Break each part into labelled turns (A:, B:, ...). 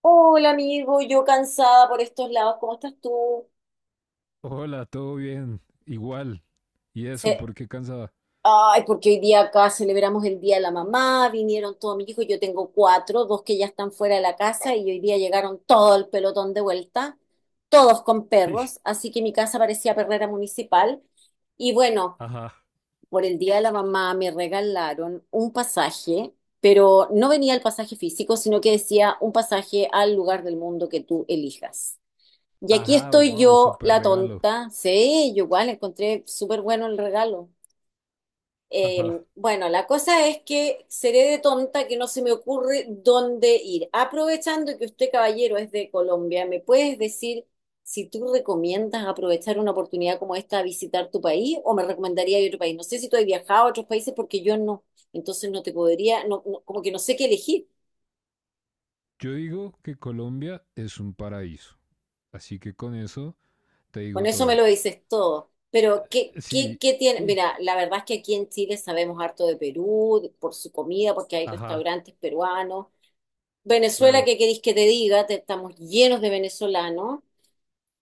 A: Hola amigo, yo cansada por estos lados, ¿cómo estás tú?
B: Hola, todo bien, igual. ¿Y eso
A: Se-
B: por qué cansada?
A: Ay, porque hoy día acá celebramos el Día de la Mamá, vinieron todos mis hijos, yo tengo cuatro, dos que ya están fuera de la casa y hoy día llegaron todo el pelotón de vuelta, todos con
B: Sí.
A: perros, así que mi casa parecía perrera municipal. Y bueno,
B: Ajá.
A: por el Día de la Mamá me regalaron un pasaje, pero no venía el pasaje físico, sino que decía un pasaje al lugar del mundo que tú elijas. Y aquí
B: Ajá,
A: estoy
B: wow,
A: yo,
B: súper
A: la
B: regalo.
A: tonta. Sí, yo igual encontré súper bueno el regalo.
B: Ajá.
A: Bueno, la cosa es que seré de tonta que no se me ocurre dónde ir. Aprovechando que usted, caballero, es de Colombia, ¿me puedes decir si tú recomiendas aprovechar una oportunidad como esta a visitar tu país o me recomendaría ir a otro país? No sé si tú has viajado a otros países porque yo no. Entonces no te podría, no, como que no sé qué elegir.
B: Yo digo que Colombia es un paraíso. Así que con eso te
A: Con
B: digo
A: eso me
B: todo.
A: lo dices todo. Pero, ¿qué, qué,
B: Sí.
A: qué tiene?
B: Y...
A: Mira, la verdad es que aquí en Chile sabemos harto de Perú, por su comida, porque hay
B: Ajá,
A: restaurantes peruanos. Venezuela,
B: claro.
A: ¿qué queréis que te diga? Estamos llenos de venezolanos.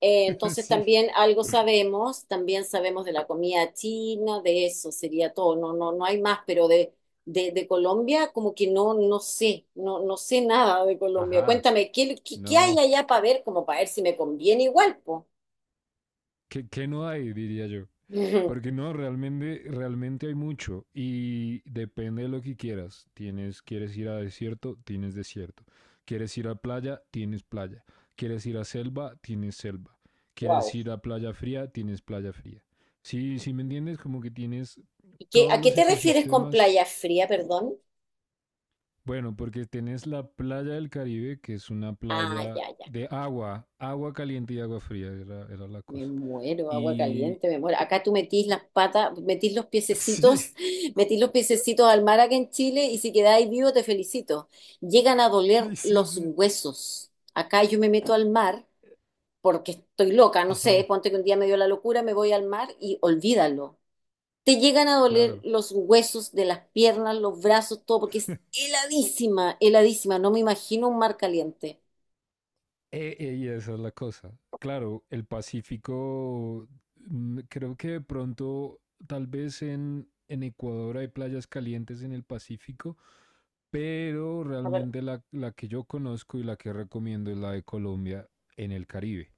A: Entonces
B: Sí.
A: también algo sabemos, también sabemos de la comida china, de eso sería todo. No, no, no hay más, pero de Colombia, como que no, no sé, no, no sé nada de Colombia.
B: Ajá.
A: Cuéntame, ¿qué hay
B: No.
A: allá para ver? Como para ver si me conviene igual, pues.
B: ¿Qué no hay? Diría yo. Porque no, realmente hay mucho y depende de lo que quieras. Quieres ir a desierto, tienes desierto. Quieres ir a playa, tienes playa. Quieres ir a selva, tienes selva. Quieres
A: Wow.
B: ir a playa fría, tienes playa fría. Sí, sí me entiendes, como que tienes
A: ¿Y qué,
B: todos
A: a qué
B: los
A: te refieres con
B: ecosistemas.
A: playa fría, perdón?
B: Bueno, porque tienes la playa del Caribe, que es una
A: Ah,
B: playa
A: ya, ya.
B: de agua, agua caliente y agua fría, era la
A: Me
B: cosa.
A: muero, agua
B: Y
A: caliente, me muero. Acá tú metís las patas, metís los
B: Sí,
A: piececitos, metís los piececitos al mar acá en Chile y si quedáis vivo te felicito. Llegan a doler
B: sí, sí,
A: los
B: sí.
A: huesos. Acá yo me meto al mar porque estoy loca, no sé,
B: Ajá.
A: ponte que un día me dio la locura, me voy al mar y olvídalo. Te llegan a doler
B: Claro.
A: los huesos de las piernas, los brazos, todo, porque es heladísima, heladísima. No me imagino un mar caliente.
B: Y esa es la cosa. Claro, el Pacífico, creo que de pronto, tal vez en Ecuador hay playas calientes en el Pacífico, pero realmente la que yo conozco y la que recomiendo es la de Colombia en el Caribe.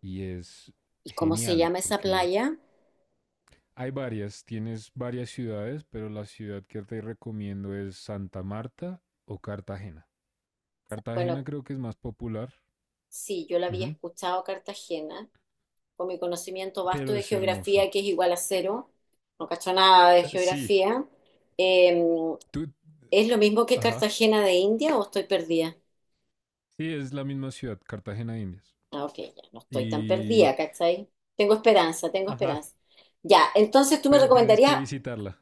B: Y es
A: ¿Y cómo se
B: genial
A: llama esa
B: porque
A: playa?
B: hay varias, tienes varias ciudades, pero la ciudad que te recomiendo es Santa Marta o Cartagena. Cartagena
A: Bueno,
B: creo que es más popular,
A: sí, yo la había
B: ujú,
A: escuchado Cartagena, con mi conocimiento vasto
B: pero
A: de
B: es hermosa.
A: geografía, que es igual a cero, no cacho nada de
B: Sí,
A: geografía. Eh,
B: tú,
A: ¿Es lo mismo que
B: ajá.
A: Cartagena de India o estoy perdida?
B: Sí, es la misma ciudad, Cartagena de Indias.
A: Ah, ok, ya, no estoy tan
B: Y,
A: perdida, ¿cachai? Tengo esperanza, tengo
B: Ajá,
A: esperanza. Ya, entonces tú me
B: pero tienes que
A: recomendarías.
B: visitarla,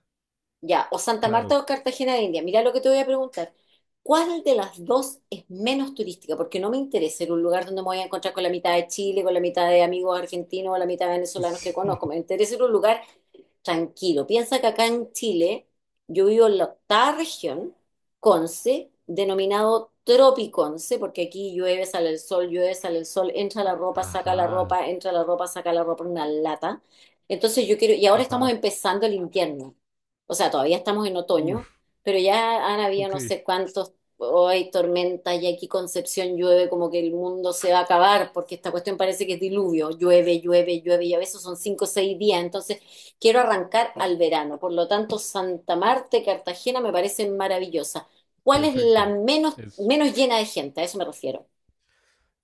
A: Ya, o Santa Marta
B: claro.
A: o Cartagena de India. Mira lo que te voy a preguntar. ¿Cuál de las dos es menos turística? Porque no me interesa ir a un lugar donde me voy a encontrar con la mitad de Chile, con la mitad de amigos argentinos o la mitad de venezolanos que
B: Sí.
A: conozco. Me interesa ir a un lugar tranquilo. Piensa que acá en Chile yo vivo en la octava región, Conce, denominado Tropiconce, porque aquí llueve, sale el sol, llueve, sale el sol, entra la ropa, saca la
B: Ajá,
A: ropa, entra la ropa, saca la ropa, una lata. Entonces yo quiero, y ahora estamos
B: ajá.
A: empezando el invierno, o sea, todavía estamos en
B: Uf,
A: otoño, pero ya han habido
B: ok,
A: no sé cuántos, hoy tormentas y aquí Concepción llueve como que el mundo se va a acabar, porque esta cuestión parece que es diluvio, llueve, llueve, llueve, y a veces son 5 o 6 días, entonces quiero arrancar al verano, por lo tanto, Santa Marta y Cartagena me parecen maravillosas. ¿Cuál es la
B: perfecto.
A: menos,
B: Es,
A: menos llena de gente? A eso me refiero.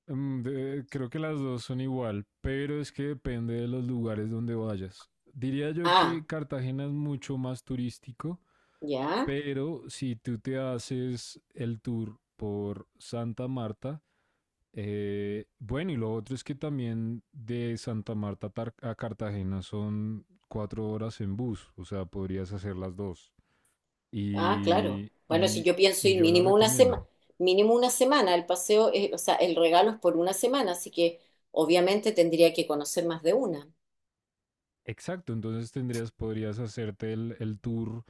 B: Creo que las dos son igual, pero es que depende de los lugares donde vayas. Diría yo
A: Ah,
B: que Cartagena es mucho más turístico,
A: ya.
B: pero si tú te haces el tour por Santa Marta. Bueno, y lo otro es que también de Santa Marta a Cartagena son 4 horas en bus, o sea, podrías hacer las dos.
A: Ah, claro.
B: Y,
A: Bueno, si
B: y,
A: yo pienso
B: y
A: ir
B: yo la recomiendo.
A: mínimo una semana, el paseo, o sea, el regalo es por una semana, así que obviamente tendría que conocer más de una.
B: Exacto, entonces podrías hacerte el tour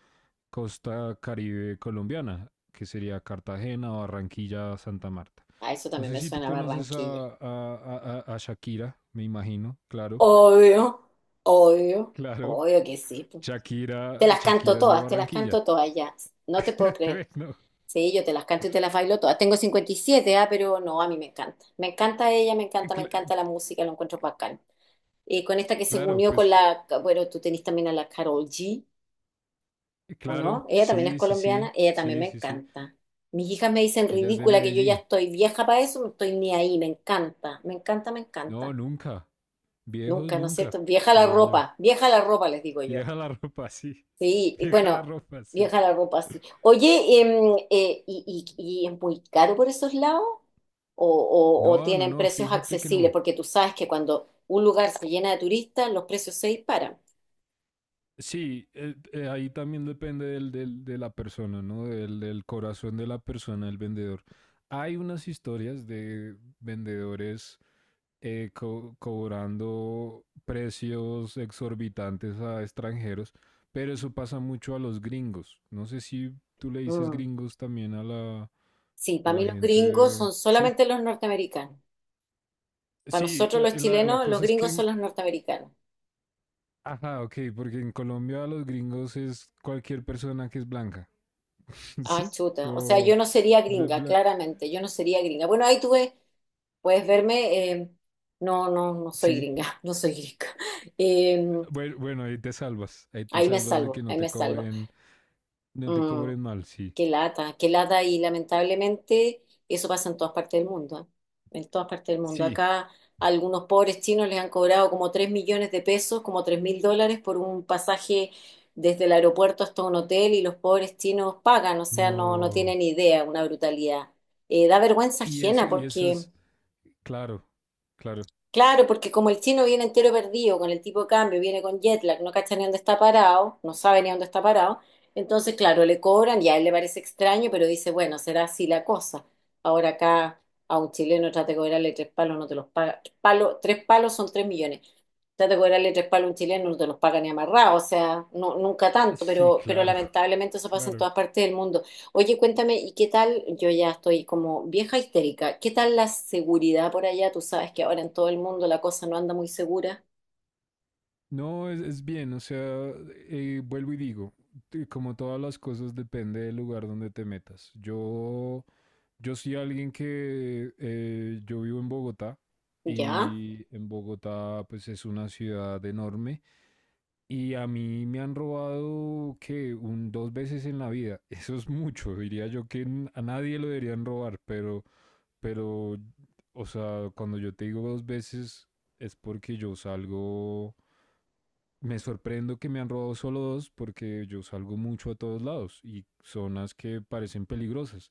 B: Costa Caribe colombiana, que sería Cartagena, Barranquilla, Santa Marta.
A: A eso
B: No
A: también
B: sé
A: me
B: si tú
A: suena
B: conoces a,
A: Barranquilla.
B: a- a- a- a Shakira, me imagino, claro,
A: Obvio, obvio,
B: claro.
A: obvio que sí, po. Te
B: Shakira,
A: las canto
B: Shakira es de
A: todas, te las
B: Barranquilla.
A: canto todas ya. No te puedo creer.
B: Bueno,
A: Sí, yo te las canto y te las bailo todas. Tengo 57, ah, pero no, a mí me encanta. Me encanta ella, me
B: cla-
A: encanta la música, lo encuentro bacán. Y con esta que se
B: claro,
A: unió
B: pues
A: con la, bueno, tú tenés también a la Carol G, ¿o
B: claro,
A: no? Ella también es
B: sí, sí, sí,
A: colombiana, ella también
B: sí,
A: me
B: sí, sí.
A: encanta. Mis hijas me dicen
B: Ella es de
A: ridícula que yo ya
B: Medellín.
A: estoy vieja para eso, no estoy ni ahí, me encanta, me encanta, me
B: No,
A: encanta.
B: nunca. Viejos
A: Nunca, ¿no es
B: nunca,
A: cierto?
B: diría yo.
A: Vieja la ropa, les digo yo.
B: Vieja la ropa. Sí.
A: Sí, y
B: Vieja la
A: bueno,
B: ropa, sí.
A: vieja la ropa así. Oye, y es muy caro por esos lados? ¿O
B: No, no,
A: tienen
B: no,
A: precios
B: fíjate que
A: accesibles?
B: no.
A: Porque tú sabes que cuando un lugar se llena de turistas, los precios se disparan.
B: Sí, ahí también depende de la persona, ¿no? Del corazón de la persona, el vendedor. Hay unas historias de vendedores cobrando precios exorbitantes a extranjeros, pero eso pasa mucho a los gringos. No sé si tú le dices
A: Mm.
B: gringos también
A: Sí,
B: a
A: para mí
B: la
A: los gringos
B: gente.
A: son
B: Sí,
A: solamente los norteamericanos. Para
B: sí,
A: nosotros los
B: la
A: chilenos, los
B: cosa es que,
A: gringos son los norteamericanos.
B: ajá, ok, porque en Colombia a los gringos es cualquier persona que es blanca.
A: Ah,
B: ¿Sí?
A: chuta. O sea, yo
B: Como...
A: no sería
B: de
A: gringa,
B: bla-
A: claramente. Yo no sería gringa. Bueno, ahí tú ves, puedes verme. No, no, no soy
B: Sí,
A: gringa, no soy gringa. Em,
B: bueno, bueno, ahí te
A: Ahí me
B: salvas de que
A: salvo,
B: no
A: ahí
B: te
A: me salvo.
B: cobren, no te
A: Mm,
B: cobren mal, sí.
A: qué lata y lamentablemente eso pasa en todas partes del mundo, ¿eh? En todas partes del mundo.
B: Sí.
A: Acá a algunos pobres chinos les han cobrado como 3 millones de pesos, como 3 mil dólares por un pasaje desde el aeropuerto hasta un hotel y los pobres chinos pagan, o sea, no, no
B: No.
A: tienen idea, una brutalidad. Da vergüenza ajena
B: Y eso
A: porque
B: es, claro, claro.
A: claro, porque como el chino viene entero perdido con el tipo de cambio, viene con jet lag, no cacha ni dónde está parado, no sabe ni dónde está parado, entonces, claro, le cobran y a él le parece extraño, pero dice, bueno, será así la cosa. Ahora acá a un chileno trate de cobrarle tres palos, no te los paga. Palo, tres palos son 3 millones. Trate de cobrarle tres palos a un chileno, no te los paga ni amarrado, o sea, no, nunca tanto,
B: Sí,
A: pero
B: claro,
A: lamentablemente eso pasa en
B: claro.
A: todas partes del mundo. Oye, cuéntame, ¿y qué tal? Yo ya estoy como vieja histérica. ¿Qué tal la seguridad por allá? Tú sabes que ahora en todo el mundo la cosa no anda muy segura.
B: No, es bien, o sea, vuelvo y digo, como todas las cosas depende del lugar donde te metas. Yo soy alguien que, yo vivo en Bogotá
A: ¿Ya?
B: y en Bogotá pues es una ciudad enorme y a mí me han robado que un 2 veces en la vida. Eso es mucho, diría yo que a nadie lo deberían robar, pero, o sea, cuando yo te digo 2 veces, es porque yo salgo. Me sorprendo que me han robado solo dos, porque yo salgo mucho a todos lados y zonas que parecen peligrosas.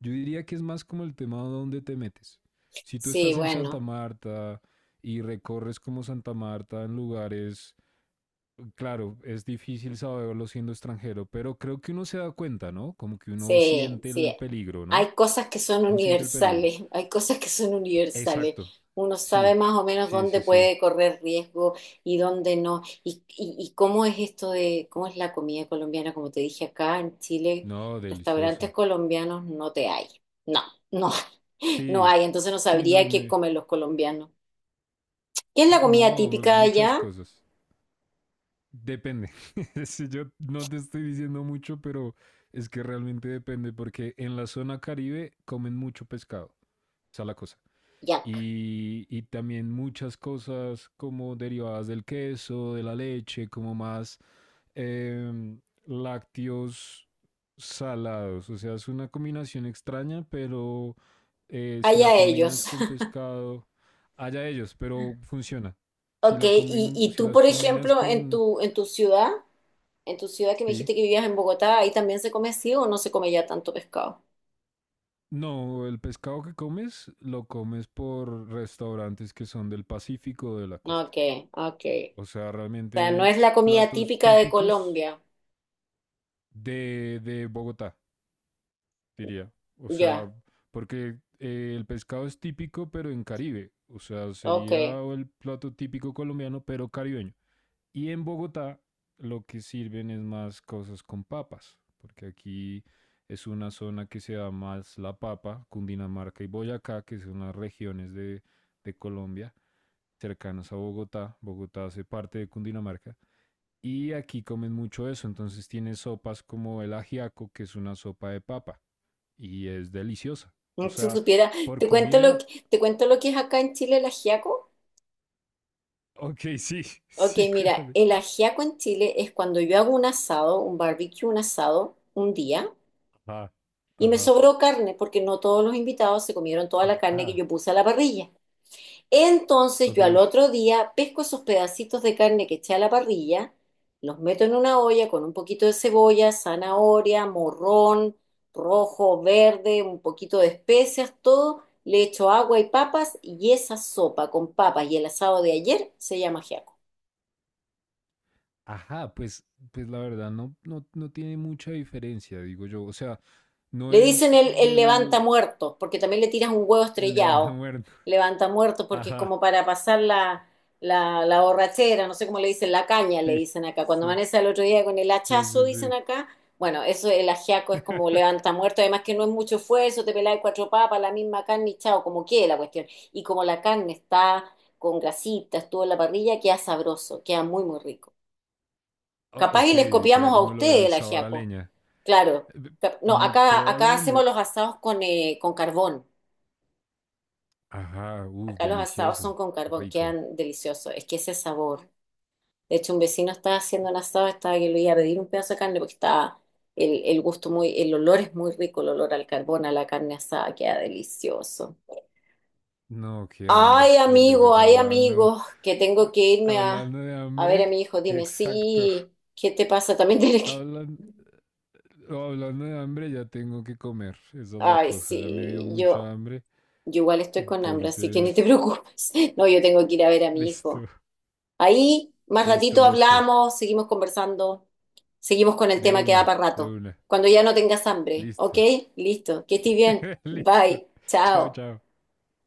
B: Yo diría que es más como el tema de dónde te metes. Si tú
A: Sí,
B: estás en Santa
A: bueno.
B: Marta y recorres como Santa Marta en lugares, claro, es difícil saberlo siendo extranjero, pero creo que uno se da cuenta, ¿no? Como que uno
A: Sí,
B: siente
A: sí.
B: el peligro, ¿no?
A: Hay cosas que son
B: Uno siente el peligro.
A: universales, hay cosas que son universales.
B: Exacto.
A: Uno sabe
B: Sí,
A: más o menos
B: sí,
A: dónde
B: sí, sí.
A: puede correr riesgo y dónde no. Y cómo es esto de, cómo es la comida colombiana, como te dije acá en Chile,
B: No,
A: restaurantes
B: delicioso.
A: colombianos no te hay. No, no, hay, no
B: Sí,
A: hay. Entonces no
B: sí,
A: sabría
B: no,
A: qué comen los colombianos. ¿Qué es la comida
B: no,
A: típica
B: muchas
A: allá?
B: cosas. Depende. Si yo no te estoy diciendo mucho, pero es que realmente depende porque en la zona Caribe comen mucho pescado. Esa es la cosa.
A: Yak.
B: Y también muchas cosas como derivadas del queso, de la leche, como más lácteos salados. O sea, es una combinación extraña, pero si la
A: Allá ellos.
B: combinas con pescado, allá ellos, pero funciona.
A: Ok, y
B: Si
A: tú,
B: las
A: por
B: combinas
A: ejemplo, en
B: con.
A: tu, en tu ciudad. En tu ciudad que me
B: Sí.
A: dijiste que vivías en Bogotá, ¿ahí también se come así o no se come ya tanto pescado?
B: No, el pescado que comes lo comes por restaurantes que son del Pacífico o de la costa.
A: Ok, ok.
B: O sea,
A: O sea, no
B: realmente
A: es la comida
B: platos
A: típica de
B: típicos
A: Colombia.
B: de Bogotá, diría. O
A: Ya,
B: sea, porque el pescado es típico, pero en Caribe. O sea,
A: ok.
B: sería el plato típico colombiano, pero caribeño. Y en Bogotá lo que sirven es más cosas con papas, porque aquí es una zona que se da más la papa, Cundinamarca y Boyacá, que son las regiones de Colombia cercanas a Bogotá. Bogotá hace parte de Cundinamarca. Y aquí comen mucho eso, entonces tiene sopas como el ajiaco, que es una sopa de papa, y es deliciosa. O
A: Si
B: sea,
A: supiera,
B: por
A: te cuento lo
B: comida,
A: que, te cuento lo que es acá en Chile el ajiaco.
B: ok, sí,
A: Ok,
B: sí,
A: mira,
B: cuéntame.
A: el ajiaco en Chile es cuando yo hago un asado, un barbecue, un asado, un día,
B: Ajá,
A: y me
B: ajá,
A: sobró carne, porque no todos los invitados se comieron toda la carne que
B: ajá.
A: yo puse a la parrilla. Entonces
B: Ok,
A: yo al otro día pesco esos pedacitos de carne que eché a la parrilla, los meto en una olla con un poquito de cebolla, zanahoria, morrón, rojo, verde, un poquito de especias, todo. Le echo agua y papas y esa sopa con papas y el asado de ayer se llama ajiaco.
B: ajá, pues la verdad no, no, no tiene mucha diferencia, digo yo. O sea, no
A: Le dicen
B: es
A: el levanta
B: del
A: muertos, porque también le tiras un huevo
B: el levanta
A: estrellado.
B: muerto.
A: Levanta muertos porque es
B: Ajá,
A: como para pasar la borrachera, no sé cómo le dicen, la caña le
B: sí,
A: dicen acá. Cuando
B: sí,
A: amanece el otro día con el
B: sí,
A: hachazo,
B: sí,
A: dicen
B: sí.
A: acá. Bueno, eso el ajiaco es como levanta muertos, además que no es mucho esfuerzo, te pelas de cuatro papas, la misma carne y chao, como quede la cuestión. Y como la carne está con grasita, estuvo en la parrilla, queda sabroso, queda muy, muy rico. Capaz y les
B: Ok, queda
A: copiamos a
B: como lo
A: ustedes
B: del
A: el
B: sabor a
A: ajiaco.
B: leña.
A: Claro. No,
B: Eh,
A: acá, acá hacemos
B: Probablemente.
A: los asados con carbón.
B: Ajá, uff,
A: Acá los asados son
B: delicioso,
A: con carbón,
B: rico.
A: quedan deliciosos. Es que ese sabor. De hecho, un vecino estaba haciendo un asado, estaba que le iba a pedir un pedazo de carne porque estaba el gusto muy, el olor es muy rico, el olor al carbón, a la carne asada, queda delicioso.
B: No, qué hambre. Oye, pues
A: Ay, amigo, que tengo
B: a-
A: que irme
B: hablando de
A: a ver a
B: hambre,
A: mi hijo. Dime,
B: exacto.
A: sí, ¿qué te pasa? También tienes que...
B: Hablan- o hablando de hambre, ya tengo que comer. Esa es la
A: Ay,
B: cosa, ya me dio
A: sí,
B: mucha
A: yo...
B: hambre.
A: Yo igual estoy con hambre, así que ni te
B: Entonces,
A: preocupes. No, yo tengo que ir a ver a mi hijo.
B: listo,
A: Ahí, más
B: listo,
A: ratito
B: listo.
A: hablamos, seguimos conversando, seguimos con el
B: De
A: tema que da
B: una,
A: para
B: de
A: rato.
B: una.
A: Cuando ya no tengas hambre, ¿ok?
B: Listo,
A: Listo, que estés bien.
B: listo.
A: Bye,
B: Chao,
A: chao.
B: chao.